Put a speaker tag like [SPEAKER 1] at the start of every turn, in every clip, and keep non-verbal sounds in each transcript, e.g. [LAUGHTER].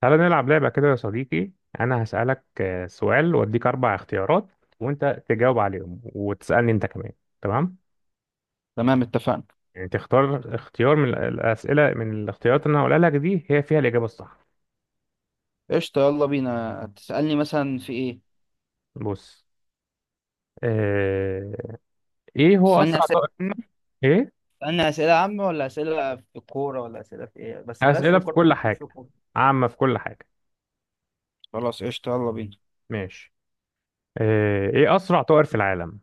[SPEAKER 1] تعالى نلعب لعبة كده يا صديقي. أنا هسألك سؤال وأديك أربع اختيارات، وأنت تجاوب عليهم وتسألني أنت كمان. تمام؟
[SPEAKER 2] تمام. اتفقنا.
[SPEAKER 1] يعني تختار اختيار من الأسئلة، من الاختيارات اللي أنا هقولها لك دي، هي فيها الإجابة الصح.
[SPEAKER 2] قشطة، يلا بينا. تسألني مثلا في ايه؟
[SPEAKER 1] بص، اه... إيه هو
[SPEAKER 2] تسألني
[SPEAKER 1] أسرع
[SPEAKER 2] أسئلة
[SPEAKER 1] طائر؟
[SPEAKER 2] عامة؟
[SPEAKER 1] إيه؟
[SPEAKER 2] تسألني أسئلة عامة ولا أسئلة في الكورة ولا أسئلة في ايه؟ بس بلاش في
[SPEAKER 1] أسئلة في
[SPEAKER 2] الكورة
[SPEAKER 1] كل
[SPEAKER 2] عشان مش في
[SPEAKER 1] حاجة،
[SPEAKER 2] الكورة.
[SPEAKER 1] عامة في كل حاجة.
[SPEAKER 2] خلاص، قشطة، يلا بينا.
[SPEAKER 1] ماشي. اه... إيه أسرع طائر في العالم؟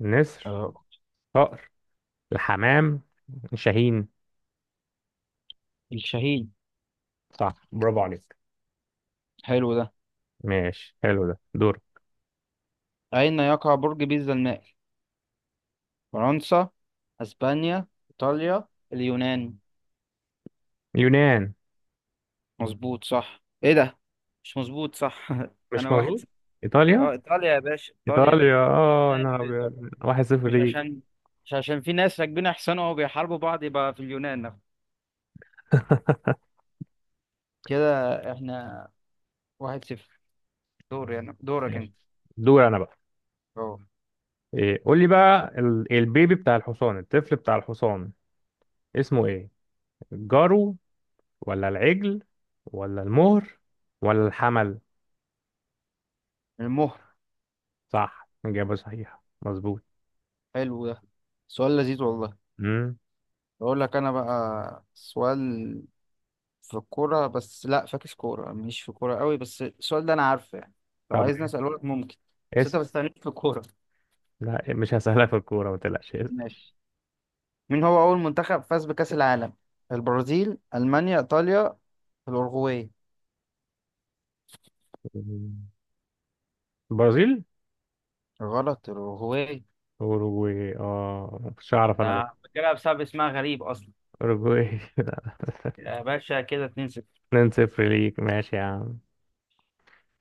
[SPEAKER 1] نسر،
[SPEAKER 2] آه،
[SPEAKER 1] طائر الحمام، شاهين.
[SPEAKER 2] الشهيد.
[SPEAKER 1] صح، برافو عليك.
[SPEAKER 2] حلو ده.
[SPEAKER 1] ماشي، حلو ده. دور.
[SPEAKER 2] أين يقع برج بيزا المائل؟ فرنسا، أسبانيا، إيطاليا، اليونان.
[SPEAKER 1] يونان.
[SPEAKER 2] مظبوط صح، ايه ده؟ مش مظبوط صح. [LAUGHS]
[SPEAKER 1] مش
[SPEAKER 2] أنا واحد
[SPEAKER 1] مظبوط.
[SPEAKER 2] س-
[SPEAKER 1] ايطاليا.
[SPEAKER 2] اه إيطاليا يا باشا، إيطاليا.
[SPEAKER 1] ايطاليا. اه
[SPEAKER 2] اليونان
[SPEAKER 1] انا
[SPEAKER 2] في إيطاليا.
[SPEAKER 1] ابيض، واحد صفر
[SPEAKER 2] مش
[SPEAKER 1] ليك.
[SPEAKER 2] عشان مش عشان في ناس راكبين أحسن وبيحاربوا بعض يبقى في اليونان
[SPEAKER 1] [LAUGHS]
[SPEAKER 2] كده. احنا 1-0. دور يعني دورك
[SPEAKER 1] ماشي،
[SPEAKER 2] انت.
[SPEAKER 1] دور انا بقى.
[SPEAKER 2] اه،
[SPEAKER 1] إيه، قول لي بقى، البيبي بتاع الحصان، الطفل بتاع الحصان، اسمه ايه؟ الجرو، ولا العجل، ولا المهر، ولا الحمل؟
[SPEAKER 2] المهر.
[SPEAKER 1] صح، اجابه صحيحه، مظبوط.
[SPEAKER 2] حلو ده، سؤال لذيذ والله.
[SPEAKER 1] امم
[SPEAKER 2] بقول لك انا بقى سؤال. في الكورة، بس لا فاكس كورة، مش في كورة قوي، بس السؤال ده انا عارفه يعني. لو
[SPEAKER 1] طب
[SPEAKER 2] عايز اساله لك، ممكن؟ بس انت ما
[SPEAKER 1] اسال.
[SPEAKER 2] تستعنيش في الكورة.
[SPEAKER 1] لا مش هسهلها في الكوره، ما تقلقش، اسال.
[SPEAKER 2] ماشي. مين هو اول منتخب فاز بكأس العالم؟ البرازيل، المانيا، ايطاليا، الاورجواي.
[SPEAKER 1] مم. برازيل.
[SPEAKER 2] غلط، الاورجواي.
[SPEAKER 1] اوروجواي، اه مش هعرف انا ده.
[SPEAKER 2] آه، فاكرها بسبب اسمها غريب اصلا.
[SPEAKER 1] اوروجواي. [LAUGHS]
[SPEAKER 2] يا باشا كده 2-0.
[SPEAKER 1] 2 0 ليك، ماشي يا عم.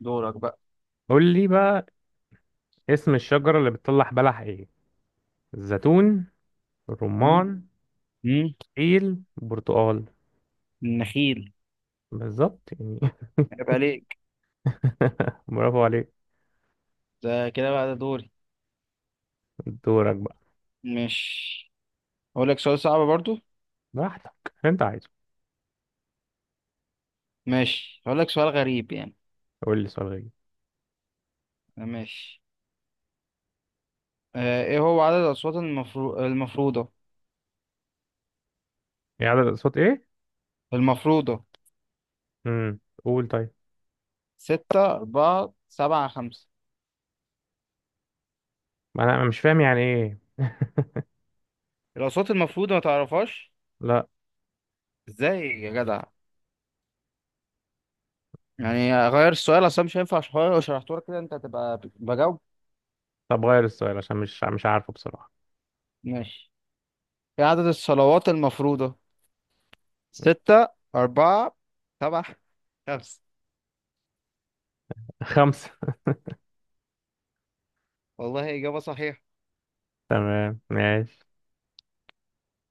[SPEAKER 2] دورك بقى.
[SPEAKER 1] قول لي بقى، اسم الشجرة اللي بتطلع بلح ايه؟ الزيتون، الرمان،
[SPEAKER 2] مم.
[SPEAKER 1] إيل برتقال.
[SPEAKER 2] النخيل.
[SPEAKER 1] بالظبط يعني.
[SPEAKER 2] عيب عليك.
[SPEAKER 1] [LAUGHS] برافو عليك.
[SPEAKER 2] ده كده بقى ده دوري.
[SPEAKER 1] دورك بقى.
[SPEAKER 2] ماشي، هقول لك سؤال صعب برضو.
[SPEAKER 1] براحتك انت عايزه.
[SPEAKER 2] ماشي، هقول لك سؤال غريب يعني.
[SPEAKER 1] قول لي سؤال غير.
[SPEAKER 2] ماشي. ايه هو عدد الأصوات المفروضة؟
[SPEAKER 1] يعني عدد الأصوات ايه؟
[SPEAKER 2] المفروضة.
[SPEAKER 1] قول طيب.
[SPEAKER 2] ستة، أربعة، سبعة، خمسة.
[SPEAKER 1] ما انا، أنا مش فاهم يعني ايه.
[SPEAKER 2] الأصوات المفروضة ما تعرفهاش؟
[SPEAKER 1] لا
[SPEAKER 2] ازاي يا جدع؟ يعني غير السؤال أصلا مش هينفع عشان لو شرحته لك كده أنت هتبقى بجاوب.
[SPEAKER 1] طب غير السؤال عشان مش عارفه بصراحة.
[SPEAKER 2] ماشي. ايه عدد الصلوات المفروضة؟ ستة، أربعة، سبعة، خمسة.
[SPEAKER 1] [LAUGHS] خمسة.
[SPEAKER 2] والله إجابة صحيحة.
[SPEAKER 1] تمام ماشي.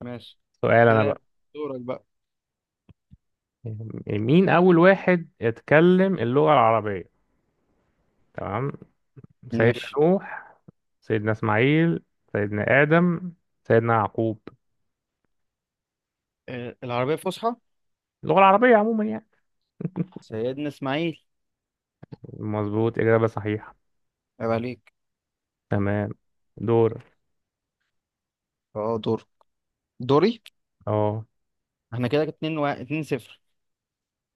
[SPEAKER 2] ماشي،
[SPEAKER 1] سؤال انا
[SPEAKER 2] كده
[SPEAKER 1] بقى.
[SPEAKER 2] يبقى دورك بقى.
[SPEAKER 1] مين اول واحد اتكلم اللغة العربية؟ تمام. سيدنا
[SPEAKER 2] ماشي.
[SPEAKER 1] نوح، سيدنا إسماعيل، سيدنا آدم، سيدنا يعقوب.
[SPEAKER 2] آه، العربية الفصحى؟
[SPEAKER 1] اللغة العربية عموما يعني.
[SPEAKER 2] سيدنا إسماعيل.
[SPEAKER 1] مظبوط، إجابة صحيحة.
[SPEAKER 2] عيب عليك.
[SPEAKER 1] تمام. دور.
[SPEAKER 2] اه دور دوري.
[SPEAKER 1] اه،
[SPEAKER 2] احنا كده اتنين اتنين صفر.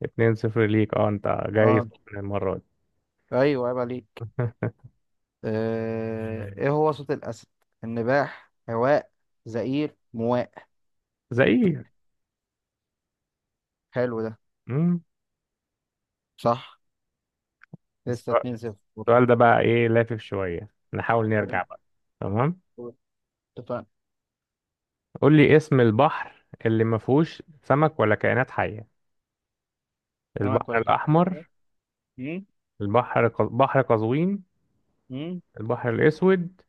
[SPEAKER 1] اتنين صفر ليك. اه انت جاي
[SPEAKER 2] اه،
[SPEAKER 1] سخن المرة دي.
[SPEAKER 2] ايوه، عيب عليك.
[SPEAKER 1] [LAUGHS]
[SPEAKER 2] ايه هو صوت الأسد؟ النباح، هواء، زئير، مواء.
[SPEAKER 1] زي ايه؟
[SPEAKER 2] حلو ده.
[SPEAKER 1] مم.
[SPEAKER 2] صح. لسه
[SPEAKER 1] السؤال،
[SPEAKER 2] 2-0 برضه.
[SPEAKER 1] السؤال ده بقى ايه، لافف شوية، نحاول نرجع
[SPEAKER 2] قول-
[SPEAKER 1] بقى. تمام،
[SPEAKER 2] قول. اتفقنا.
[SPEAKER 1] قول لي اسم البحر اللي ما فيهوش سمك ولا كائنات حية؟
[SPEAKER 2] سمك
[SPEAKER 1] البحر
[SPEAKER 2] ولا كده؟
[SPEAKER 1] الأحمر، بحر قزوين، البحر الأسود،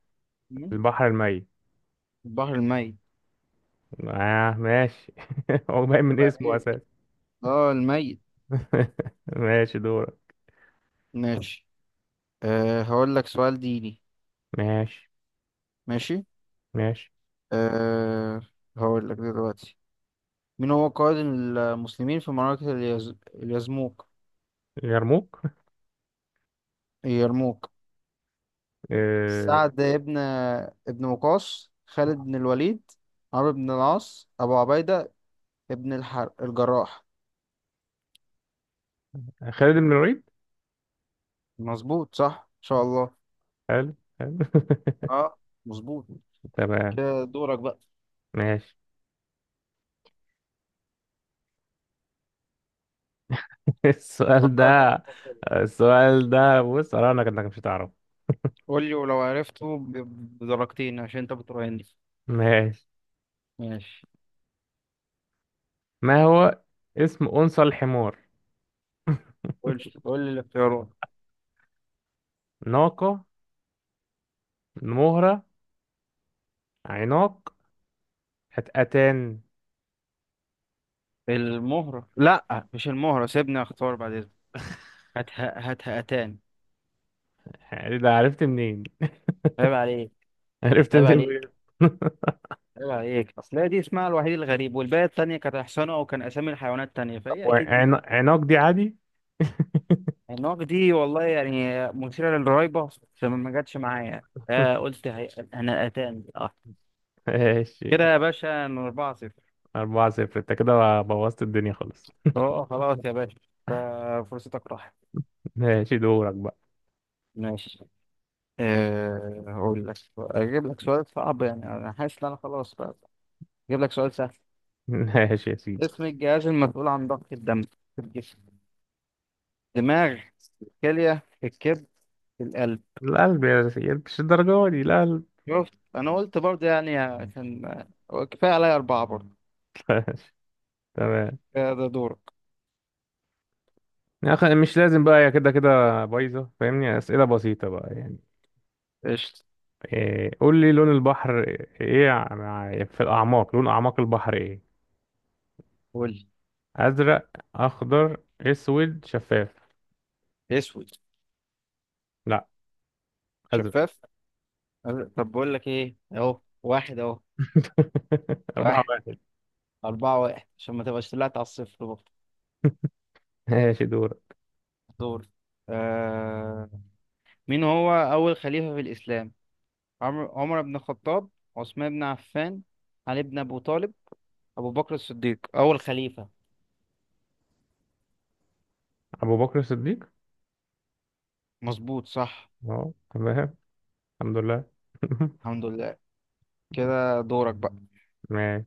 [SPEAKER 1] البحر الميت.
[SPEAKER 2] البحر الميت.
[SPEAKER 1] آه ماشي. [LAUGHS] هو باين من
[SPEAKER 2] عيب
[SPEAKER 1] اسمه
[SPEAKER 2] عليك.
[SPEAKER 1] اساسا.
[SPEAKER 2] اه، الميت.
[SPEAKER 1] [LAUGHS] ماشي دورك.
[SPEAKER 2] ماشي. هقول لك سؤال ديني.
[SPEAKER 1] ماشي.
[SPEAKER 2] ماشي.
[SPEAKER 1] ماشي.
[SPEAKER 2] أه هقول لك دلوقتي. مين هو قائد المسلمين في معركة اليزموك؟
[SPEAKER 1] يرموك.
[SPEAKER 2] اليرموك.
[SPEAKER 1] آه،
[SPEAKER 2] سعد ابن وقاص، خالد بن الوليد، عمرو بن العاص، أبو عبيدة ابن الجراح.
[SPEAKER 1] خالد بن الوليد.
[SPEAKER 2] مظبوط صح، إن شاء الله.
[SPEAKER 1] حلو حلو.
[SPEAKER 2] اه، مظبوط.
[SPEAKER 1] [LAUGHS] تمام.
[SPEAKER 2] كده دورك بقى.
[SPEAKER 1] ماشي. [LAUGHS] السؤال ده
[SPEAKER 2] فكرت.
[SPEAKER 1] السؤال ده، بص انا، انك مش هتعرف.
[SPEAKER 2] قول لي، ولو عرفته بدرجتين عشان انت بتراهني.
[SPEAKER 1] ماشي.
[SPEAKER 2] ماشي.
[SPEAKER 1] ما هو اسم انثى الحمار؟
[SPEAKER 2] قول لي الاختيارات.
[SPEAKER 1] ناقة، مهرة، عناق، هتقتان.
[SPEAKER 2] المهرة، لا مش المهرة، سيبني اختار بعد اذنك. هاتها أتان.
[SPEAKER 1] ده عرفت منين؟
[SPEAKER 2] عيب عليك.
[SPEAKER 1] [LAUGHS] عرفت
[SPEAKER 2] عيب
[SPEAKER 1] منين
[SPEAKER 2] عليك.
[SPEAKER 1] بجد؟ [LAUGHS]
[SPEAKER 2] عيب عليك، أصل هي دي اسمها الوحيد الغريب والباقي التانية كانت أحسنه أو كان أسامي الحيوانات التانية
[SPEAKER 1] طب
[SPEAKER 2] فهي أكيد دي.
[SPEAKER 1] عناق دي عادي.
[SPEAKER 2] النوك دي والله يعني مثيرة للريبة، بس ما جاتش معايا،
[SPEAKER 1] [LAUGHS]
[SPEAKER 2] قلت أنا أتان، أه.
[SPEAKER 1] ماشي.
[SPEAKER 2] كده يا باشا، إن 4-0.
[SPEAKER 1] أربعة صفر، أنت كده بوظت الدنيا خالص.
[SPEAKER 2] أه، أه، خلاص يا باشا، ففرصتك راحت.
[SPEAKER 1] [LAUGHS] ماشي دورك بقى.
[SPEAKER 2] ماشي. أقول لك، أجيب لك سؤال صعب يعني أنا حاسس إن أنا خلاص بقى. أجيب لك سؤال سهل.
[SPEAKER 1] [LAUGHS] ماشي يا سيدي.
[SPEAKER 2] اسم الجهاز المسؤول عن ضخ الدم في الجسم؟ دماغ، كلية، الكبد، القلب.
[SPEAKER 1] القلب يا سيدي، مش الدرجة دي القلب.
[SPEAKER 2] شفت، أنا قلت برضه يعني عشان هو كفاية عليا أربعة برضه.
[SPEAKER 1] [LAUGHS] ماشي. تمام.
[SPEAKER 2] كفاية، ده دورك.
[SPEAKER 1] يا أخي مش لازم بقى، يا كده كده بايظة، فاهمني، أسئلة بسيطة بقى يعني.
[SPEAKER 2] قشطة.
[SPEAKER 1] إيه قول لي لون البحر، إيه في الأعماق، لون أعماق البحر إيه؟
[SPEAKER 2] قول
[SPEAKER 1] أزرق، أخضر، أسود، شفاف.
[SPEAKER 2] لي، أسود،
[SPEAKER 1] لا. أزرق.
[SPEAKER 2] شفاف. أه، طب بقول لك إيه، أهو واحد أهو.
[SPEAKER 1] [LAUGHS] أربعة
[SPEAKER 2] واحد.
[SPEAKER 1] واحد.
[SPEAKER 2] أربعة واحد عشان ما تبقاش طلعت على الصفر برضه.
[SPEAKER 1] ماشي دورك.
[SPEAKER 2] دور. آه... مين هو أول خليفة في الإسلام؟ عمر، عمر بن الخطاب، عثمان بن عفان، علي بن أبو طالب، أبو بكر الصديق أول خليفة.
[SPEAKER 1] أبو بكر الصديق.
[SPEAKER 2] مظبوط صح.
[SPEAKER 1] أهو تمام. الحمد لله.
[SPEAKER 2] الحمد لله. كده
[SPEAKER 1] [LAUGHS]
[SPEAKER 2] دورك بقى.
[SPEAKER 1] ماشي.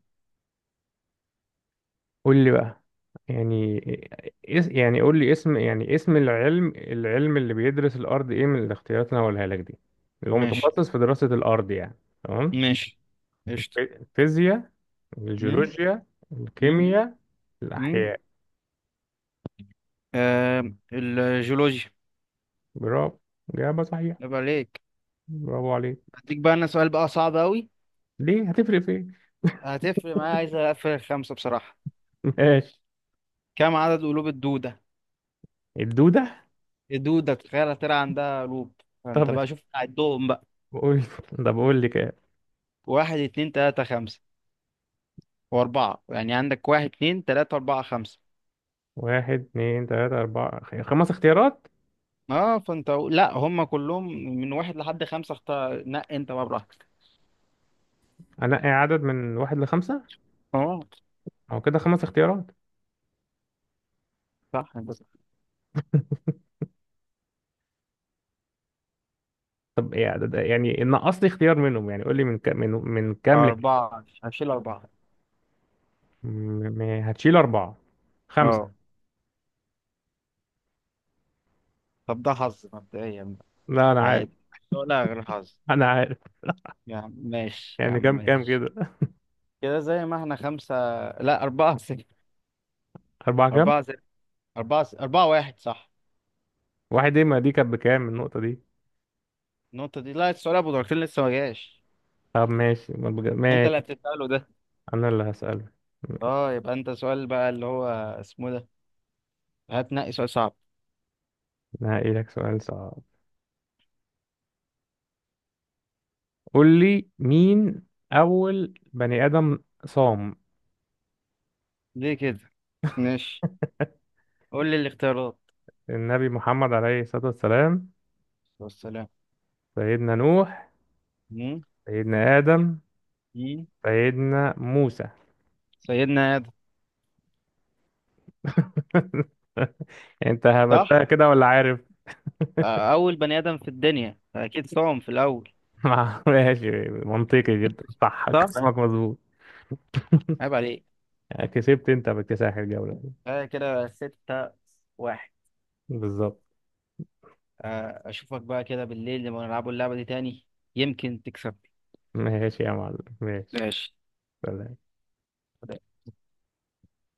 [SPEAKER 1] قول لي بقى، يعني إيه- يعني قول لي اسم، يعني اسم العلم، العلم اللي بيدرس الأرض إيه، من الاختيارات اللي أنا هقولها لك دي، اللي هو
[SPEAKER 2] ماشي.
[SPEAKER 1] متخصص في دراسة الأرض يعني. تمام.
[SPEAKER 2] ماشي. قشطة.
[SPEAKER 1] الفيزياء،
[SPEAKER 2] مم.
[SPEAKER 1] الجيولوجيا،
[SPEAKER 2] مم.
[SPEAKER 1] الكيمياء،
[SPEAKER 2] مم.
[SPEAKER 1] الأحياء.
[SPEAKER 2] آه الجيولوجيا.
[SPEAKER 1] برافو، إجابة صحيحة.
[SPEAKER 2] عيب عليك.
[SPEAKER 1] برافو عليك.
[SPEAKER 2] هديك بقى انا سؤال بقى صعب قوي.
[SPEAKER 1] ليه؟ هتفرق في إيه؟
[SPEAKER 2] هتفرق معايا، عايز اقفل خمسة بصراحة.
[SPEAKER 1] [LAUGHS] ماشي.
[SPEAKER 2] كم عدد قلوب الدودة؟
[SPEAKER 1] الدودة.
[SPEAKER 2] الدودة تخيل هتلاقي عندها قلوب، فانت
[SPEAKER 1] طب اخ-
[SPEAKER 2] بقى شوف عدهم بقى.
[SPEAKER 1] قول. طب قول لي كام.
[SPEAKER 2] واحد، اتنين، تلاتة، خمسة. واربعة، يعني عندك واحد، اتنين، تلاتة، اربعة، خمسة.
[SPEAKER 1] واحد اتنين تلاتة أربعة خمس اختيارات.
[SPEAKER 2] اه فانت، لا هم كلهم من واحد لحد خمسة، اختار انت بقى براحتك.
[SPEAKER 1] أنقي عدد من واحد لخمسة.
[SPEAKER 2] اه.
[SPEAKER 1] أو كده خمس اختيارات.
[SPEAKER 2] صح، بس.
[SPEAKER 1] طب يعني يعني نقص لي اختيار منهم يعني، قول لي من كام، من كام لك.
[SPEAKER 2] أربعة، هشيل أربعة.
[SPEAKER 1] م- هتشيل أربعة. خمسة.
[SPEAKER 2] اه. طب ده حظ مبدئيا.
[SPEAKER 1] لا أنا عارف.
[SPEAKER 2] عادي. ولا غير حظ؟
[SPEAKER 1] أنا عارف.
[SPEAKER 2] يا عم ماشي، يا
[SPEAKER 1] يعني
[SPEAKER 2] عم
[SPEAKER 1] كام كام
[SPEAKER 2] ماشي.
[SPEAKER 1] كده؟
[SPEAKER 2] كده زي ما احنا خمسة. لا، 4-0.
[SPEAKER 1] أربعة كام؟
[SPEAKER 2] أربعة صفر. أربعة صفر، 4-1 صح.
[SPEAKER 1] واحد إيه، ما دي كانت بكام النقطة دي؟
[SPEAKER 2] النقطة دي لا، السؤال أبو دركين لسه ما جاش.
[SPEAKER 1] طب ماشي، ما بج-
[SPEAKER 2] أنت اللي
[SPEAKER 1] ماشي.
[SPEAKER 2] هتسأله ده.
[SPEAKER 1] أنا اللي هسألك.
[SPEAKER 2] يبقى أنت سؤال بقى اللي هو اسمه ده، هتنقي سؤال صعب.
[SPEAKER 1] أنا هقيلك سؤال صعب. قول لي، مين أول بني آدم صام؟
[SPEAKER 2] ليه كده؟ ماشي. قول لي الاختيارات.
[SPEAKER 1] النبي محمد عليه الصلاة والسلام،
[SPEAKER 2] والسلام.
[SPEAKER 1] سيدنا نوح،
[SPEAKER 2] مم؟
[SPEAKER 1] سيدنا آدم،
[SPEAKER 2] مم؟
[SPEAKER 1] سيدنا موسى.
[SPEAKER 2] سيدنا آدم.
[SPEAKER 1] [LAUGHS] انت
[SPEAKER 2] صح.
[SPEAKER 1] هبتها كده ولا عارف؟
[SPEAKER 2] آه، أول بني آدم في الدنيا أكيد صام في الأول.
[SPEAKER 1] [LAUGHS] ماشي، منطقي جدا، صح،
[SPEAKER 2] صح.
[SPEAKER 1] كلامك مظبوط.
[SPEAKER 2] عيب عليك.
[SPEAKER 1] يعني كسبت انت باكتساح الجولة.
[SPEAKER 2] آه كده، 6-1.
[SPEAKER 1] بالظبط.
[SPEAKER 2] آه، اشوفك بقى كده بالليل لما نلعبوا اللعبة دي تاني، يمكن تكسب.
[SPEAKER 1] ماشي يا معلم، ماشي.
[SPEAKER 2] ماشي.
[SPEAKER 1] سلام.